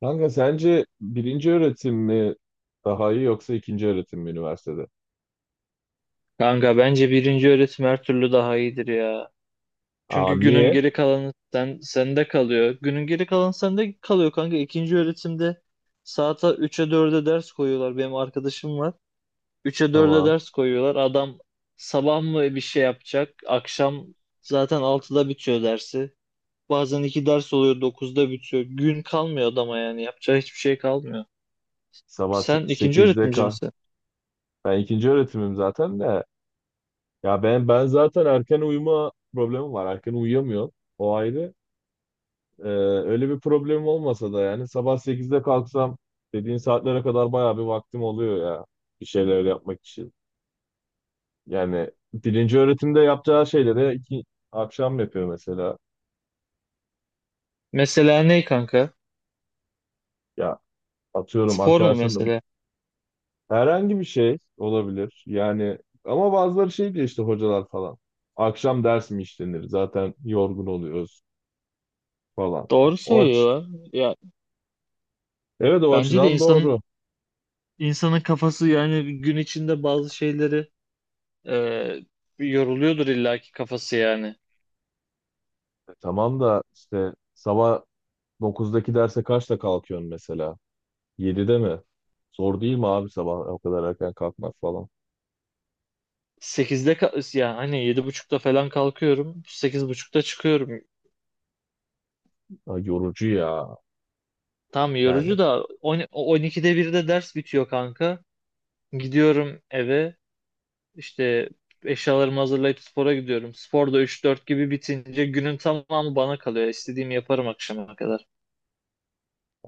Kanka sence birinci öğretim mi daha iyi yoksa ikinci öğretim mi üniversitede? Kanka bence birinci öğretim her türlü daha iyidir ya. Aa, Çünkü günün niye? geri kalanı sende kalıyor. Günün geri kalanı sende kalıyor kanka. İkinci öğretimde saata 3'e 4'e ders koyuyorlar. Benim arkadaşım var. 3'e 4'e Tamam. ders koyuyorlar. Adam sabah mı bir şey yapacak? Akşam zaten 6'da bitiyor dersi. Bazen 2 ders oluyor 9'da bitiyor. Gün kalmıyor adama yani. Yapacağı hiçbir şey kalmıyor. Sabah se- Sen ikinci sekizde öğretimci kah. misin? Ben ikinci öğretimim zaten de. Ya ben zaten erken uyuma problemim var. Erken uyuyamıyorum. O ayrı. Ee, Öyle bir problemim olmasa da yani sabah 8'de kalksam dediğin saatlere kadar bayağı bir vaktim oluyor ya. Bir şeyler yapmak için. Yani birinci öğretimde yapacağı şeyleri akşam yapıyor mesela. Mesela ne kanka? Ya, atıyorum Spor mu arkadaşlar. mesela? Herhangi bir şey olabilir. Yani ama bazıları şey diyor işte, hocalar falan. Akşam ders mi işlenir, zaten yorgun oluyoruz falan. Ha, Doğru o aç. söylüyorlar. Ya Evet, o Bence de açıdan insanın doğru. insanın kafası yani gün içinde bazı şeyleri e, yoruluyordur illaki kafası yani. Tamam da işte sabah 9'daki derse kaçta kalkıyorsun mesela? 7'de mi? Zor değil mi abi sabah o kadar erken kalkmak falan? Yani hani 7:30'da falan kalkıyorum. 8:30'da çıkıyorum. Ha, yorucu ya. Tam Yani, yorucu da 12'de birde ders bitiyor kanka. Gidiyorum eve işte eşyalarımı hazırlayıp spora gidiyorum. Spor da 3-4 gibi bitince günün tamamı bana kalıyor. İstediğimi yaparım akşama kadar.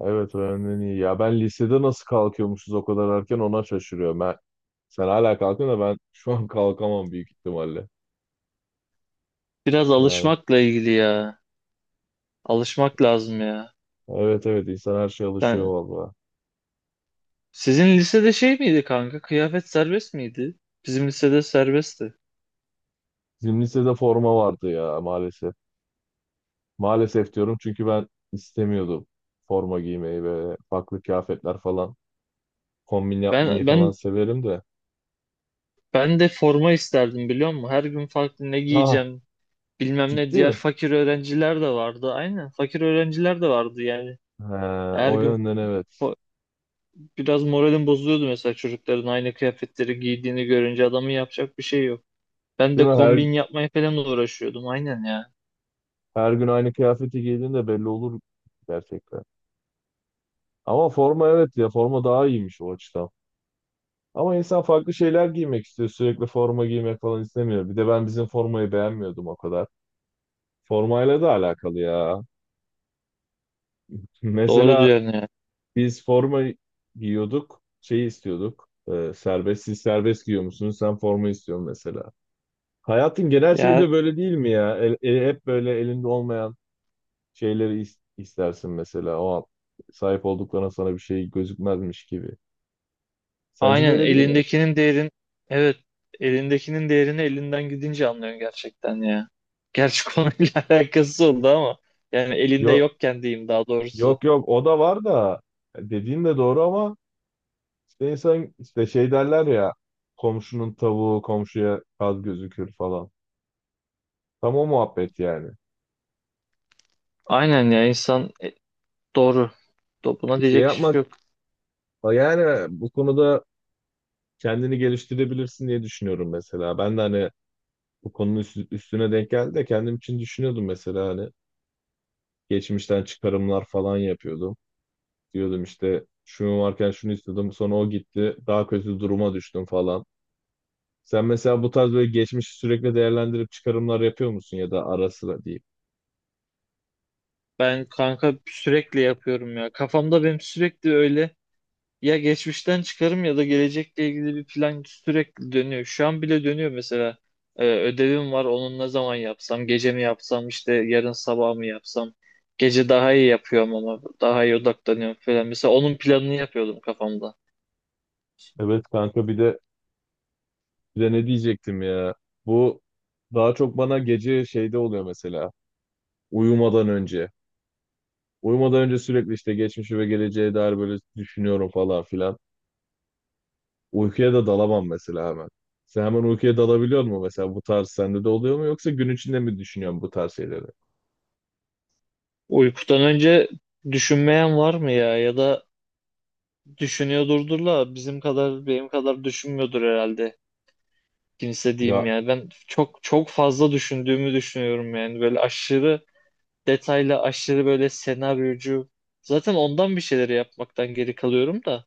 evet, öğrenmen iyi. Ya ben lisede nasıl kalkıyormuşuz o kadar erken, ona şaşırıyorum. Ben, sen hala kalkıyorsun da ben şu an kalkamam büyük ihtimalle. Biraz Yani alışmakla ilgili ya. Alışmak lazım ya. evet, evet, insan her şeye alışıyor valla. Sizin lisede şey miydi kanka? Kıyafet serbest miydi? Bizim lisede serbestti. Bizim lisede forma vardı ya, maalesef. Maalesef diyorum çünkü ben istemiyordum forma giymeyi, ve farklı kıyafetler falan kombin yapmayı Ben falan ben severim de. ben de forma isterdim biliyor musun? Her gün farklı ne Ha, giyeceğim bilmem ne. ciddi Diğer mi? fakir öğrenciler de vardı. Aynen fakir öğrenciler de vardı yani. He, Her o gün yönden evet. fo- biraz moralim bozuluyordu mesela çocukların aynı kıyafetleri giydiğini görünce adamın yapacak bir şey yok. Ben Değil de mi? Her, kombin yapmaya falan uğraşıyordum aynen ya. her gün aynı kıyafeti giydiğinde belli olur gerçekten. Ama forma, evet ya, forma daha iyiymiş o açıdan. Ama insan farklı şeyler giymek istiyor. Sürekli forma giymek falan istemiyor. Bir de ben bizim formayı beğenmiyordum o kadar. Formayla da alakalı ya. Doğru Mesela diyorsun ya. biz forma giyiyorduk, şey istiyorduk. Serbest, siz serbest giyiyor musunuz? Sen forma istiyorsun mesela. Hayatın genel şeyi Ya de böyle değil mi ya? Hep böyle elinde olmayan şeyleri istersin mesela. O an sahip olduklarına sana bir şey gözükmezmiş gibi. Sence de Aynen öyle değil mi? elindekinin değerin evet elindekinin değerini elinden gidince anlıyorsun gerçekten ya. Gerçi konuyla alakası oldu ama yani elinde Yok, yokken diyeyim daha doğrusu. yok, yok, o da var da dediğin de doğru, ama işte insan, işte şey derler ya, komşunun tavuğu komşuya kaz gözükür falan. Tam o muhabbet yani. Aynen ya insan doğru. Buna Şey diyecek iş yapmak yok. Ha, yani bu konuda kendini geliştirebilirsin diye düşünüyorum mesela. Ben de hani bu konunun üstüne denk geldi de kendim için düşünüyordum mesela, hani geçmişten çıkarımlar falan yapıyordum. Diyordum işte, şunu varken şunu istiyordum, sonra o gitti, daha kötü duruma düştüm falan. Sen mesela bu tarz böyle geçmişi sürekli değerlendirip çıkarımlar yapıyor musun, ya da ara sıra diyeyim. Ben kanka sürekli yapıyorum ya. Kafamda benim sürekli öyle. Ya geçmişten çıkarım ya da gelecekle ilgili bir plan sürekli dönüyor. Şu an bile dönüyor mesela. Ödevim var, onun ne zaman yapsam, gece mi yapsam, işte yarın sabah mı yapsam. Gece daha iyi yapıyorum ama daha iyi odaklanıyorum falan. Mesela onun planını yapıyordum kafamda. Evet kanka, bir de ne diyecektim ya. Bu daha çok bana gece şeyde oluyor mesela, uyumadan önce. Uyumadan önce sürekli işte geçmişi ve geleceğe dair böyle düşünüyorum falan filan. Uykuya da dalamam mesela hemen. Sen hemen uykuya dalabiliyor musun mesela, bu tarz sende de oluyor mu, yoksa gün içinde mi düşünüyorsun bu tarz şeyleri? Uykudan önce düşünmeyen var mı ya? Ya da düşünüyordurdur la bizim kadar benim kadar düşünmüyordur herhalde. Kimse diyeyim Ya yani. Ben çok çok fazla düşündüğümü düşünüyorum yani. Böyle aşırı detaylı aşırı böyle senaryocu. Zaten ondan bir şeyleri yapmaktan geri kalıyorum da.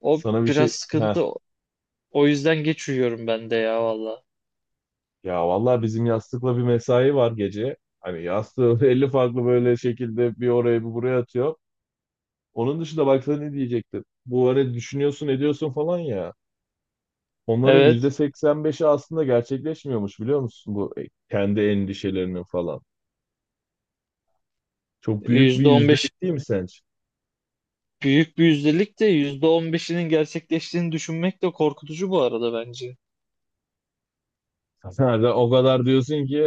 O sana bir şey biraz ha sıkıntı. O yüzden geç uyuyorum ben de ya valla. Ya vallahi bizim yastıkla bir mesai var gece. Hani yastığı 50 farklı böyle şekilde bir oraya bir buraya atıyor. Onun dışında baksana, ne diyecektim. Bu hani düşünüyorsun ediyorsun falan ya. Onların yüzde Evet. seksen beşi aslında gerçekleşmiyormuş, biliyor musun? Bu kendi endişelerinin falan. Çok büyük bir %15 yüzdelik değil mi sence? büyük bir yüzdelik de %15'inin gerçekleştiğini düşünmek de korkutucu bu arada bence. Sen de o kadar diyorsun ki,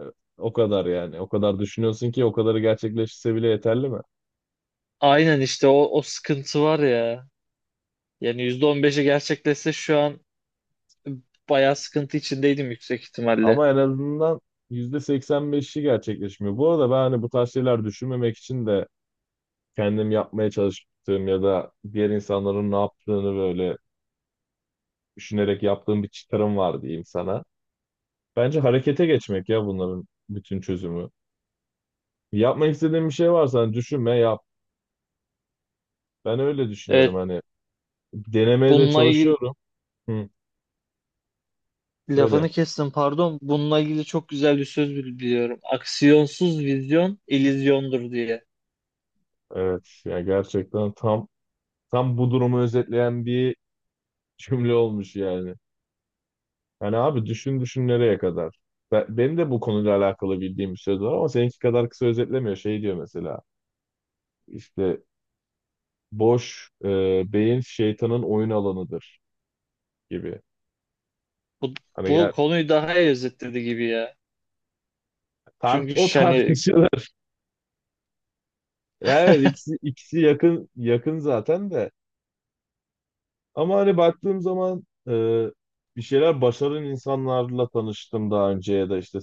e, o kadar yani. O kadar düşünüyorsun ki, o kadarı gerçekleşse bile yeterli mi? Aynen işte o sıkıntı var ya. Yani %15'i gerçekleşse şu an bayağı sıkıntı içindeydim yüksek ihtimalle. Ama en azından %85'i gerçekleşmiyor. Bu arada ben hani bu tarz şeyler düşünmemek için de kendim yapmaya çalıştığım ya da diğer insanların ne yaptığını böyle düşünerek yaptığım bir çıkarım var diyeyim sana. Bence harekete geçmek ya, bunların bütün çözümü. Yapmak istediğin bir şey varsa hani, düşünme yap. Ben öyle düşünüyorum Evet, hani, denemeye de bununla ilgili. çalışıyorum. Hı. Lafını Söyle. kestim pardon. Bununla ilgili çok güzel bir söz biliyorum. Aksiyonsuz vizyon illüzyondur diye. Evet. Ya gerçekten tam bu durumu özetleyen bir cümle olmuş yani. Yani abi, düşün düşün nereye kadar. Ben, benim de bu konuyla alakalı bildiğim bir söz var ama seninki kadar kısa özetlemiyor. Şey diyor mesela, işte, boş beyin şeytanın oyun alanıdır gibi. Bu Hani bu gel, konuyu daha iyi özetledi gibi ya. tart, Çünkü o hani tartışılır. Ya evet, ikisi yakın yakın zaten de. Ama hani baktığım zaman, e, bir şeyler başaran insanlarla tanıştım daha önce, ya da işte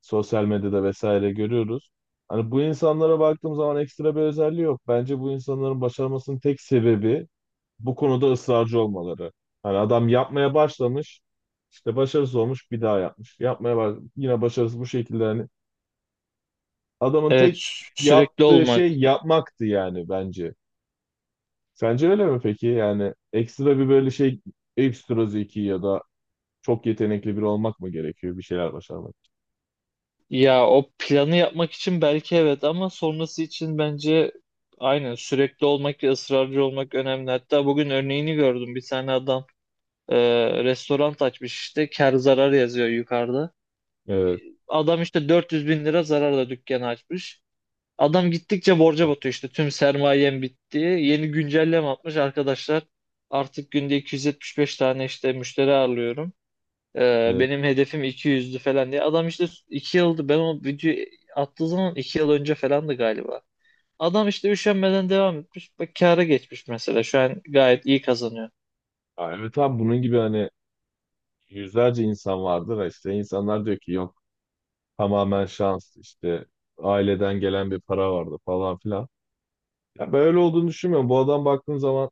sosyal medyada vesaire görüyoruz. Hani bu insanlara baktığım zaman ekstra bir özelliği yok. Bence bu insanların başarmasının tek sebebi bu konuda ısrarcı olmaları. Hani adam yapmaya başlamış, işte başarısız olmuş, bir daha yapmış. Yapmaya baş Yine başarısız, bu şekilde, hani adamın evet, tek sürekli yaptığı olmak. şey yapmaktı yani bence. Sence öyle mi peki? Yani ekstra bir böyle ekstra zeki ya da çok yetenekli biri olmak mı gerekiyor bir şeyler başarmak için? Ya o planı yapmak için belki evet ama sonrası için bence aynen sürekli olmak ve ısrarcı olmak önemli. Hatta bugün örneğini gördüm. Bir tane adam restoran açmış işte kar zarar yazıyor yukarıda. Evet, Adam işte 400 bin lira zararla dükkanı açmış. Adam gittikçe borca batıyor işte tüm sermayem bitti. Yeni güncelleme atmış arkadaşlar. Artık günde 275 tane işte müşteri ağırlıyorum. Evet. Benim hedefim 200'dü falan diye. Adam işte 2 yıldı ben o videoyu attığı zaman, 2 yıl önce falandı galiba. Adam işte üşenmeden devam etmiş. Bak kâra geçmiş mesela şu an gayet iyi kazanıyor. Aa, evet abi, bunun gibi hani yüzlerce insan vardır. İşte insanlar diyor ki, yok, tamamen şans, işte aileden gelen bir para vardı falan filan. Ya, böyle olduğunu düşünmüyorum. Bu adam baktığın zaman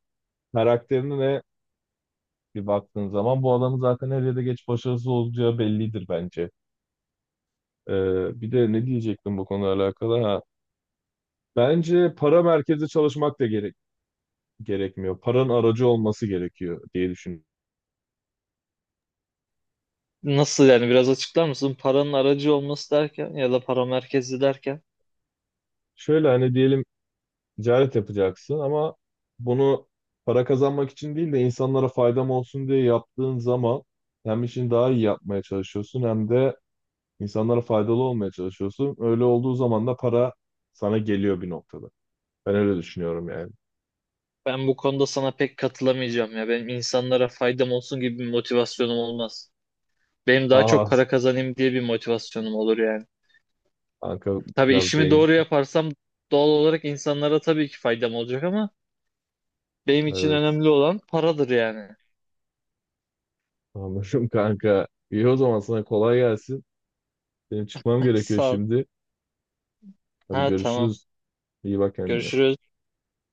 karakterine bir baktığın zaman bu adamın zaten her yerde geç başarısız olacağı bellidir bence. Bir de ne diyecektim bu konuyla alakalı? Ha, bence para merkezi çalışmak da gerekmiyor. Paranın aracı olması gerekiyor diye düşünüyorum. Nasıl yani biraz açıklar mısın? Paranın aracı olması derken ya da para merkezi derken. Şöyle hani, diyelim ticaret yapacaksın ama bunu para kazanmak için değil de insanlara faydam olsun diye yaptığın zaman, hem işini daha iyi yapmaya çalışıyorsun, hem de insanlara faydalı olmaya çalışıyorsun. Öyle olduğu zaman da para sana geliyor bir noktada. Ben öyle düşünüyorum yani. Ben bu konuda sana pek katılamayacağım ya. Benim insanlara faydam olsun gibi bir motivasyonum olmaz. Benim daha çok Aha para kazanayım diye bir motivasyonum olur yani. kanka, Tabii biraz işimi doğru bencil. yaparsam doğal olarak insanlara tabii ki faydam olacak ama benim için Evet, önemli olan paradır yani. anladım kanka. İyi, o zaman sana kolay gelsin. Benim çıkmam gerekiyor Sağ ol. şimdi. Hadi Ha, tamam. görüşürüz. İyi bak kendine. Görüşürüz.